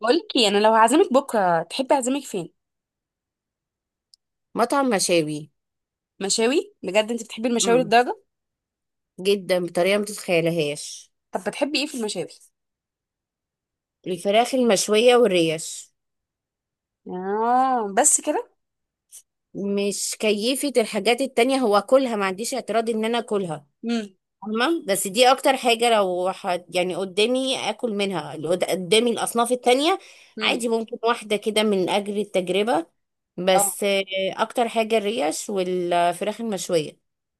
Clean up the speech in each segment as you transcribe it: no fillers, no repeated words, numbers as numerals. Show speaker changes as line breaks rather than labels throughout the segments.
بقولك ايه، انا لو هعزمك بكره تحبي اعزمك فين؟
مطعم مشاوي.
مشاوي؟ بجد انت بتحبي المشاوي
امم.
للدرجه؟
جدا بطريقه ما تتخيلهاش.
طب بتحبي ايه في المشاوي؟
الفراخ المشويه والريش.
اه بس كده؟
مش كيفة الحاجات التانية، هو كلها ما عنديش اعتراض ان انا اكلها.
امم
فاهمة؟ بس دي اكتر حاجة، لو حد يعني قدامي اكل منها، اللي قدامي الاصناف التانية
امم
عادي، ممكن واحدة كده من اجل التجربة.
اه،
بس آه، اكتر حاجة الريش والفراخ المشوية.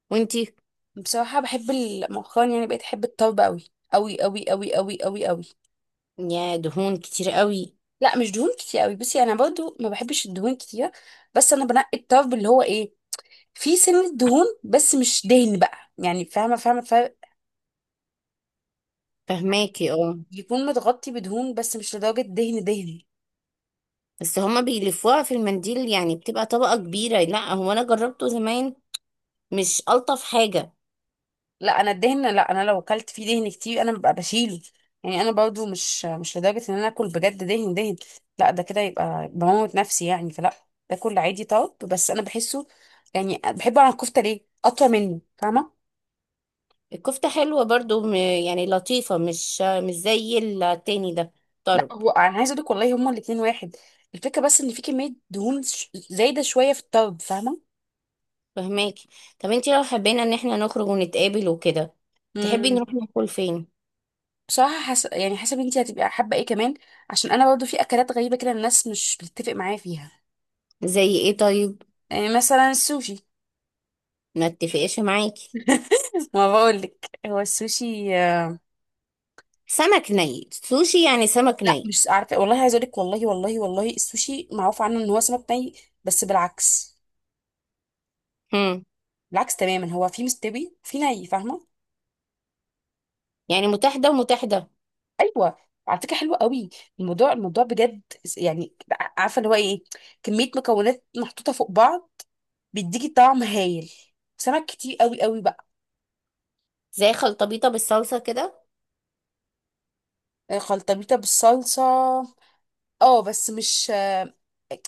وانتي؟
بصراحه بحب مؤخرا يعني بقيت احب الطرب قوي قوي قوي قوي قوي قوي قوي.
يا دهون كتير قوي.
لا مش دهون كتير قوي، بصي انا برضو ما بحبش الدهون كتير. بس انا بنقي الطرب اللي هو ايه، فيه سنه دهون بس مش دهن بقى، يعني فاهمه فاهمه الفرق.
فهماكي اه.
يكون متغطي بدهون بس مش لدرجه دهن دهن.
بس هما بيلفوها في المنديل يعني بتبقى طبقة كبيرة، لا هو أنا جربته زمان، مش ألطف حاجة.
لا انا لو اكلت فيه دهن كتير انا ببقى بشيله. يعني انا برضو مش لدرجه ان انا اكل بجد دهن دهن، لا ده كده يبقى بموت نفسي يعني فلا. باكل عادي طرب بس انا بحسه، يعني بحب على الكفته ليه اطول منه، فاهمه؟
الكفتة حلوة برضو، يعني لطيفة، مش زي التاني ده،
لا
طرب.
هو انا عايزه اقول لك والله هما الاتنين واحد، الفكره بس ان في كميه دهون زايده شويه في الطرب، فاهمه؟
فهماكي. طب انتي لو حبينا ان احنا نخرج ونتقابل وكده، تحبي
امم
نروح ناكل فين؟
بصراحه يعني حسب انت هتبقى حابه ايه كمان، عشان انا برضو في اكلات غريبه كده الناس مش بتتفق معايا فيها.
زي ايه طيب؟
يعني مثلا السوشي.
ما اتفقش معاكي.
ما بقولك هو السوشي،
سمك ني؟ سوشي يعني سمك
لا
ني.
مش عارفه والله، عايزه اقول لك والله والله والله السوشي معروف عنه ان هو سمك ني، بس بالعكس.
هم.
بالعكس تماما، هو في مستوي في ني، فاهمه؟
يعني متاح ده ومتاح ده.
ايوه، على فكره حلوه قوي، الموضوع الموضوع بجد، يعني عارفه اللي هو ايه، كميه مكونات محطوطه فوق بعض بيديكي طعم هايل، سمك كتير قوي قوي بقى.
زي خلطبيطة بالصلصة كده.
آه، خلطبيطه بالصلصه. اه بس مش،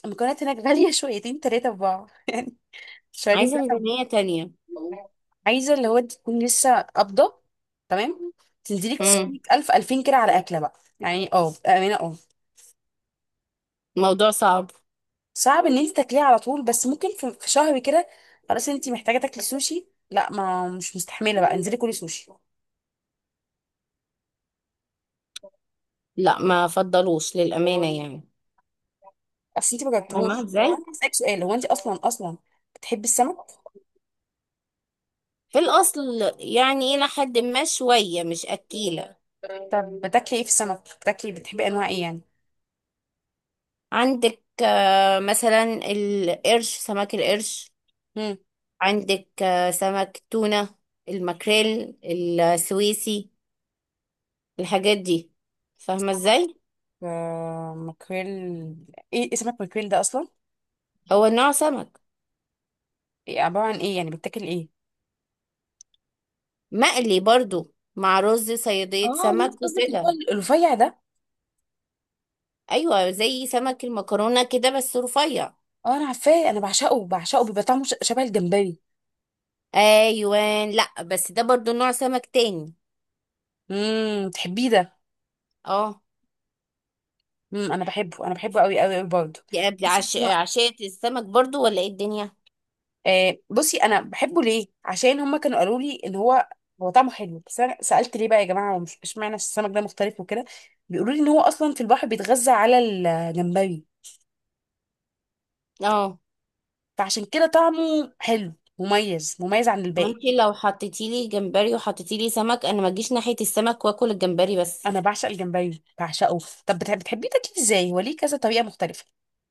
المكونات هناك غاليه شويتين ثلاثه في بعض يعني شويتين.
عايزة ميزانية تانية.
عايزه اللي هو انت تكون لسه قابضه، تمام، تنزلي
مم.
تصرفي 1000 2000 كده على أكلة بقى، يعني اه بأمانة اه.
موضوع صعب.
صعب إن أنت تاكليه على طول، بس ممكن في شهر كده، خلاص أنت محتاجة تاكلي سوشي، لا ما مش مستحملة بقى انزلي كلي سوشي.
لا ما فضلوش للأمانة يعني.
أصل أنت ما جربتهوش.
فاهمة
طب
ازاي.
أنا هسألك سؤال، هو أنت أصلا أصلا بتحبي السمك؟
في الأصل يعني إلى حد ما، شوية مش أكيلة.
طب بتاكلي إيه في السمك؟ بتحبي أنواع إيه يعني؟
عندك آه، مثلا القرش، سمك القرش.
مم.
عندك آه، سمك تونة، الماكريل السويسي، الحاجات دي. فاهمة ازاي.
آه، ماكريل، إيه اسمك ماكريل ده أصلا؟
هو نوع سمك.
إيه عبارة عن إيه، يعني بتاكل إيه؟
مقلي برضو مع رز صيادية
اه، وانت
سمك
قصدك اللي هو
وكده.
الرفيع ده.
أيوة زي سمك المكرونة كده بس رفيع.
اه انا عارفاه، انا بعشقه بعشقه، بيبقى طعمه شبه الجمبري.
أيوان لأ، بس ده برضو نوع سمك تاني.
تحبيه ده؟
اه.
انا بحبه، انا بحبه قوي قوي قوي برضه. بحس إن هو-
عشية السمك برضو ولا ايه الدنيا؟
آه، بصي انا بحبه ليه؟ عشان هما كانوا قالوا لي ان هو هو طعمه حلو، بس انا سالت ليه بقى يا جماعه، هو مش اشمعنى السمك ده مختلف وكده، بيقولوا لي ان هو اصلا في البحر بيتغذى على الجمبري،
اه.
فعشان كده طعمه حلو، مميز مميز عن الباقي.
انت لو حطيتي لي جمبري وحطيتي لي سمك، انا ما اجيش ناحية السمك واكل الجمبري بس.
انا بعشق الجمبري بعشقه. طب بتحبيه تاكليه ازاي، هو ليه كذا طريقه مختلفه؟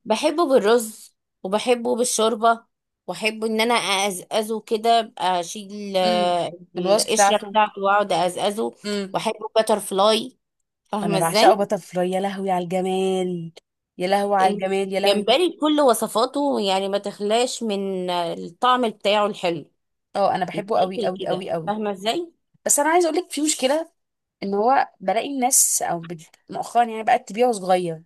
بحبه بالرز، وبحبه بالشوربة، واحب ان انا اقزقزه كده، أبقى اشيل
امم
آه،
الوصف
القشرة
بتاعته،
بتاعته واقعد اقزقزه. واحبه باتر فلاي.
انا
فاهمة ازاي.
بعشقه باتر فلاي، يا لهوي على الجمال، يا لهوي على الجمال يا لهوي.
الجمبري بكل وصفاته يعني ما تخلاش من الطعم بتاعه الحلو.
اه انا بحبه قوي
يتاكل
قوي
كده،
قوي قوي.
فاهمة ازاي.
بس انا عايز اقول لك في مشكله، ان هو بلاقي الناس او مؤخرا يعني بقت تبيعه صغير،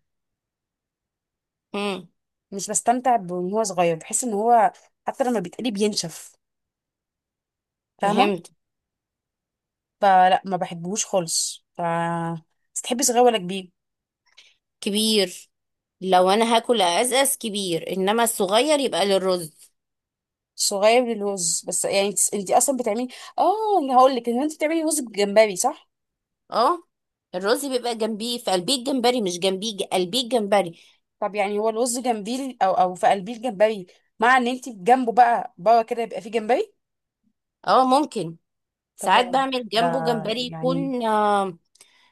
امم.
مش بستمتع بان هو صغير، بحس ان هو حتى لما بيتقلي بينشف، فاهمه؟
فهمت.
فلا ما بحبهوش خالص ف، بس تحبي صغير ولا كبير؟
كبير. لو انا هاكل ازأز كبير، انما الصغير يبقى للرز.
صغير للوز. بس يعني انت اصلا بتعملي، اه اللي هقول لك ان انت بتعملي رز بجمبري صح؟
اه. الرز بيبقى جنبيه، في قلبيه الجمبري، مش جنبيه، قلبيه الجمبري.
طب يعني هو الرز جنبيه او في قلبيه الجمبري، مع ان انت جنبه بقى بره كده يبقى فيه جمبري؟
اه ممكن.
طب
ساعات بعمل
ده
جنبه جمبري
يعني،
يكون آه،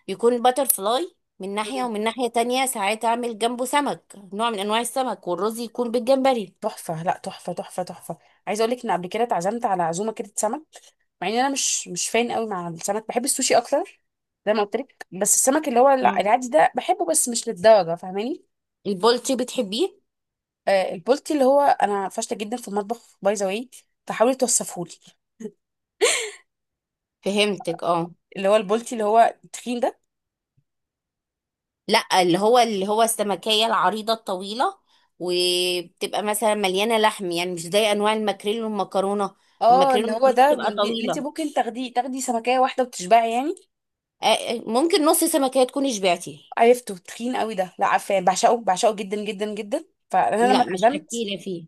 يكون باتر فلاي من ناحية،
مم.
ومن ناحية تانية ساعات اعمل جنبه سمك، نوع من انواع السمك، والرز يكون بالجمبري.
تحفه، لا تحفه تحفه تحفه. عايزه اقول لك ان قبل كده اتعزمت على عزومه كده سمك، مع ان انا مش فان قوي مع السمك، بحب السوشي اكتر زي ما قلت لك. بس السمك اللي هو
مم.
العادي ده بحبه، بس مش للدرجه، فاهماني؟
البولتي بتحبيه؟
آه، البولتي اللي هو، انا فاشله جدا في المطبخ باي ذا واي، فحاولي توصفهولي،
فهمتك اه.
اللي هو البولتي اللي هو التخين ده؟
لا اللي هو السمكية العريضة الطويلة، وبتبقى مثلا مليانة لحم، يعني مش زي انواع الماكريل والمكرونة.
اه،
الماكريل
اللي هو
والمكرونة
ده
بتبقى
اللي انت
طويلة.
ممكن تاخدي سمكية واحدة وتشبعي يعني؟
آه، آه، ممكن نص سمكية تكوني شبعتي.
عرفته تخين قوي ده؟ لا عارفاه، بعشقه بعشقه جدا جدا جدا، فانا لما
لا مش
اتعزمت،
اكيلة فيه،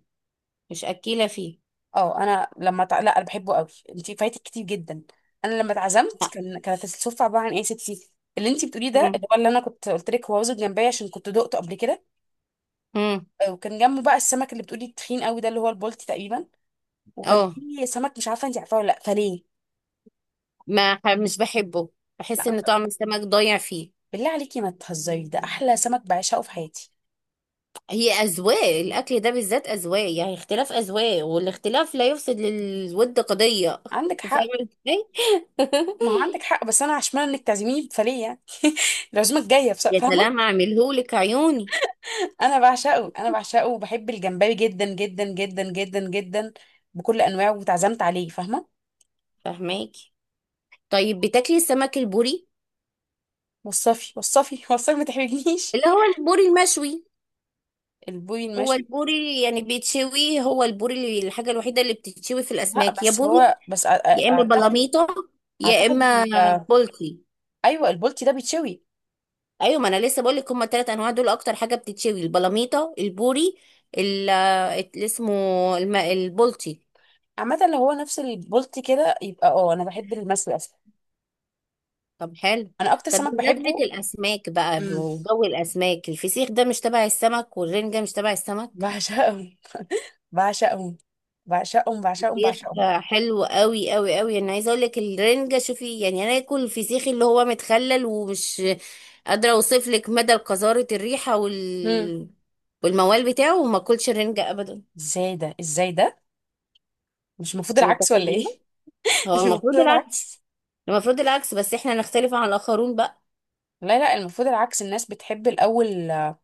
مش اكيلة فيه.
اه انا لما لا انا بحبه قوي، انت فايتك كتير جدا. انا لما اتعزمت،
لا.
كانت السفرة عبارة عن ايه يا ستي؟ اللي انت بتقوليه ده
مم.
اللي هو اللي انا كنت قلت لك، هو رز الجمبري عشان كنت دقته قبل كده،
مم.
آه، وكان جنبه بقى السمك اللي بتقولي التخين قوي ده اللي هو البولتي تقريبا، وكان
اه.
في سمك مش عارفه انت عارفاه ولا لا فليه.
ما ح- مش بحبه،
لا
بحس
ما
ان
تهزريش.
طعم السمك ضايع فيه.
بالله عليكي ما تهزري، ده احلى سمك بعشقه في حياتي.
هي اذواق، الاكل ده بالذات اذواق، يعني اختلاف اذواق، والاختلاف لا يفسد للود قضية.
عندك
فاهمة
حق،
ازاي.
ما هو عندك حق، بس انا عشان انك تعزميني فليه يعني، العزومه الجايه
يا
فاهمه.
سلام اعملهولك عيوني.
انا بعشقه انا بعشقه، وبحب الجمبري جدا جدا جدا جدا جدا بكل انواعه، واتعزمت عليه، فاهمه؟
فهماكي. طيب بتاكلي السمك البوري؟
وصفي وصفي وصفي ما تحرجنيش.
اللي هو البوري المشوي.
البوري
هو
المشوي،
البوري يعني بيتشوي، هو البوري اللي الحاجة الوحيدة اللي بتتشوي في
لا
الأسماك يا
بس
بوري،
هو بس
يا إما
اعتقد،
بلاميطة، يا
اعتقد
إما بولتي.
ايوه، البولتي ده بيتشوي.
أيوة، ما أنا لسه بقول لك هما التلات أنواع دول أكتر حاجة بتتشوي، البلاميطة، البوري، اللي اسمه البولتي.
عامه لو هو نفس البولتي كده يبقى اه، انا بحب المشوي اصلا،
طب حلو.
انا اكتر
طب
سمك
بمناسبة
بحبه.
الأسماك بقى
امم
وجو الأسماك، الفسيخ ده مش تبع السمك؟ والرنجة مش تبع السمك؟
بعشقه بعشقهم بعشقهم بعشقهم
فسيخ
بعشقهم.
حلو قوي قوي قوي. انا عايزه اقول لك الرنجه، شوفي يعني، انا اكل الفسيخ اللي هو متخلل، ومش قادره اوصف لك مدى قذاره الريحه
مم.
وال، والموال بتاعه، وما اكلش الرنجه ابدا.
ازاي ده ازاي ده؟ مش المفروض
انت
العكس ولا ايه؟
متخيله؟ هو
مش المفروض
المفروض العكس،
العكس؟
المفروض العكس، بس احنا نختلف عن الاخرون بقى.
لا لا المفروض العكس، الناس بتحب الاول،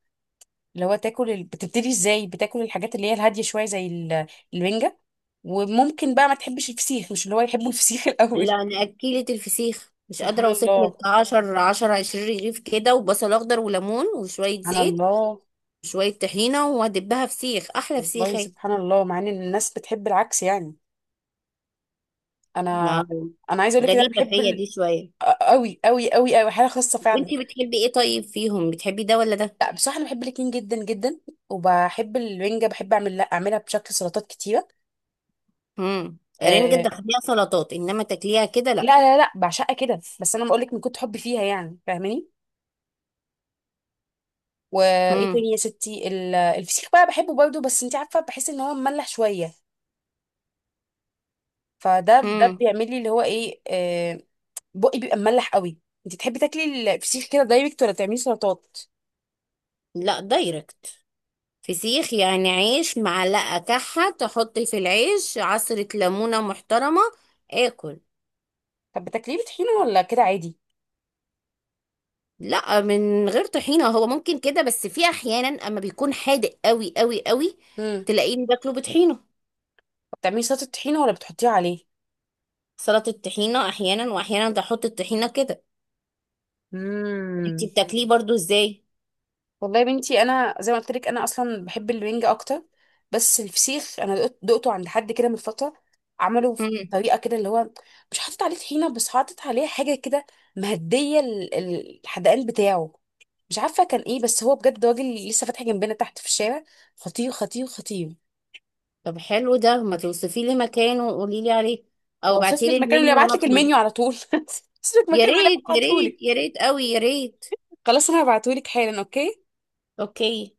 اللي هو تاكل بتبتدي ازاي، بتاكل الحاجات اللي هي الهاديه شويه زي الرنجه، وممكن بقى ما تحبش الفسيخ، مش اللي هو يحبوا الفسيخ الاول.
لا انا اكلت الفسيخ، مش قادره
سبحان
اوصف لك،
الله،
10 10 20 رغيف كده وبصل اخضر وليمون وشويه
سبحان
زيت
الله،
وشويه طحينه وهدبها فسيخ، احلى فسيخ
والله
هيك.
سبحان الله مع ان الناس بتحب العكس يعني. انا
ما
انا عايزه اقول لك إن انا
غريبة
بحب
فيا دي شوية.
قوي قوي قوي قوي، حاله خاصه فعلا.
وانتي بتحبي ايه طيب فيهم، بتحبي ده ولا ده؟
لا بصراحه انا بحب الاتنين جدا جدا، وبحب الرنجه، بحب لا اعملها بشكل سلطات كتيره،
امم. رنجة
آه.
تاخديها سلطات، انما تاكليها كده لا.
لا لا لا بعشقها كده، بس انا بقول لك من كنت حبي فيها يعني، فاهماني؟ وايه
امم.
تاني يا ستي، الفسيخ بقى بحبه برضه، بس انت عارفه بحس ان هو مملح شويه، فده
امم.
بيعمل لي اللي هو ايه آه، بقي بيبقى مملح قوي. انت تحبي تاكلي الفسيخ كده دايركت ولا بتعملي سلطات؟
لا دايركت. فسيخ يعني عيش، معلقة كحة تحطي في العيش، عصرة ليمونة محترمة، اكل.
طب بتاكليه بطحينه ولا كده عادي؟
لا من غير طحينة، هو ممكن كده، بس في احيانا اما بيكون حادق قوي قوي قوي
امم
تلاقيه باكله بطحينة.
بتعملي سلطه طحينه ولا بتحطيها عليه؟
سلطة الطحينة احيانا، واحيانا بحط الطحينة كده. انتي
امم
بتاكليه برضو ازاي؟
والله يا بنتي، انا زي ما قلت لك انا اصلا بحب الرنج اكتر. بس الفسيخ انا دقته عند حد كده من فتره، عمله بطريقه كده اللي هو مش حاطط عليه طحينه، بس حاطط عليه حاجه كده مهديه الحدقان بتاعه، مش عارفه كان ايه، بس هو بجد راجل لسه فاتح جنبنا تحت في الشارع، خطير خطير خطير.
طب حلو ده، ما توصفي لي مكانه وقولي لي عليه، او
واوصف
ابعتي لي
لك مكانه اللي
المنيو
ابعت
وانا
لك
اطلب.
المنيو على طول، اوصف لك
يا
مكانه اللي
ريت يا
ابعته
ريت يا
لك،
ريت قوي يا ريت.
خلاص انا هبعته لك حالا، اوكي.
اوكي.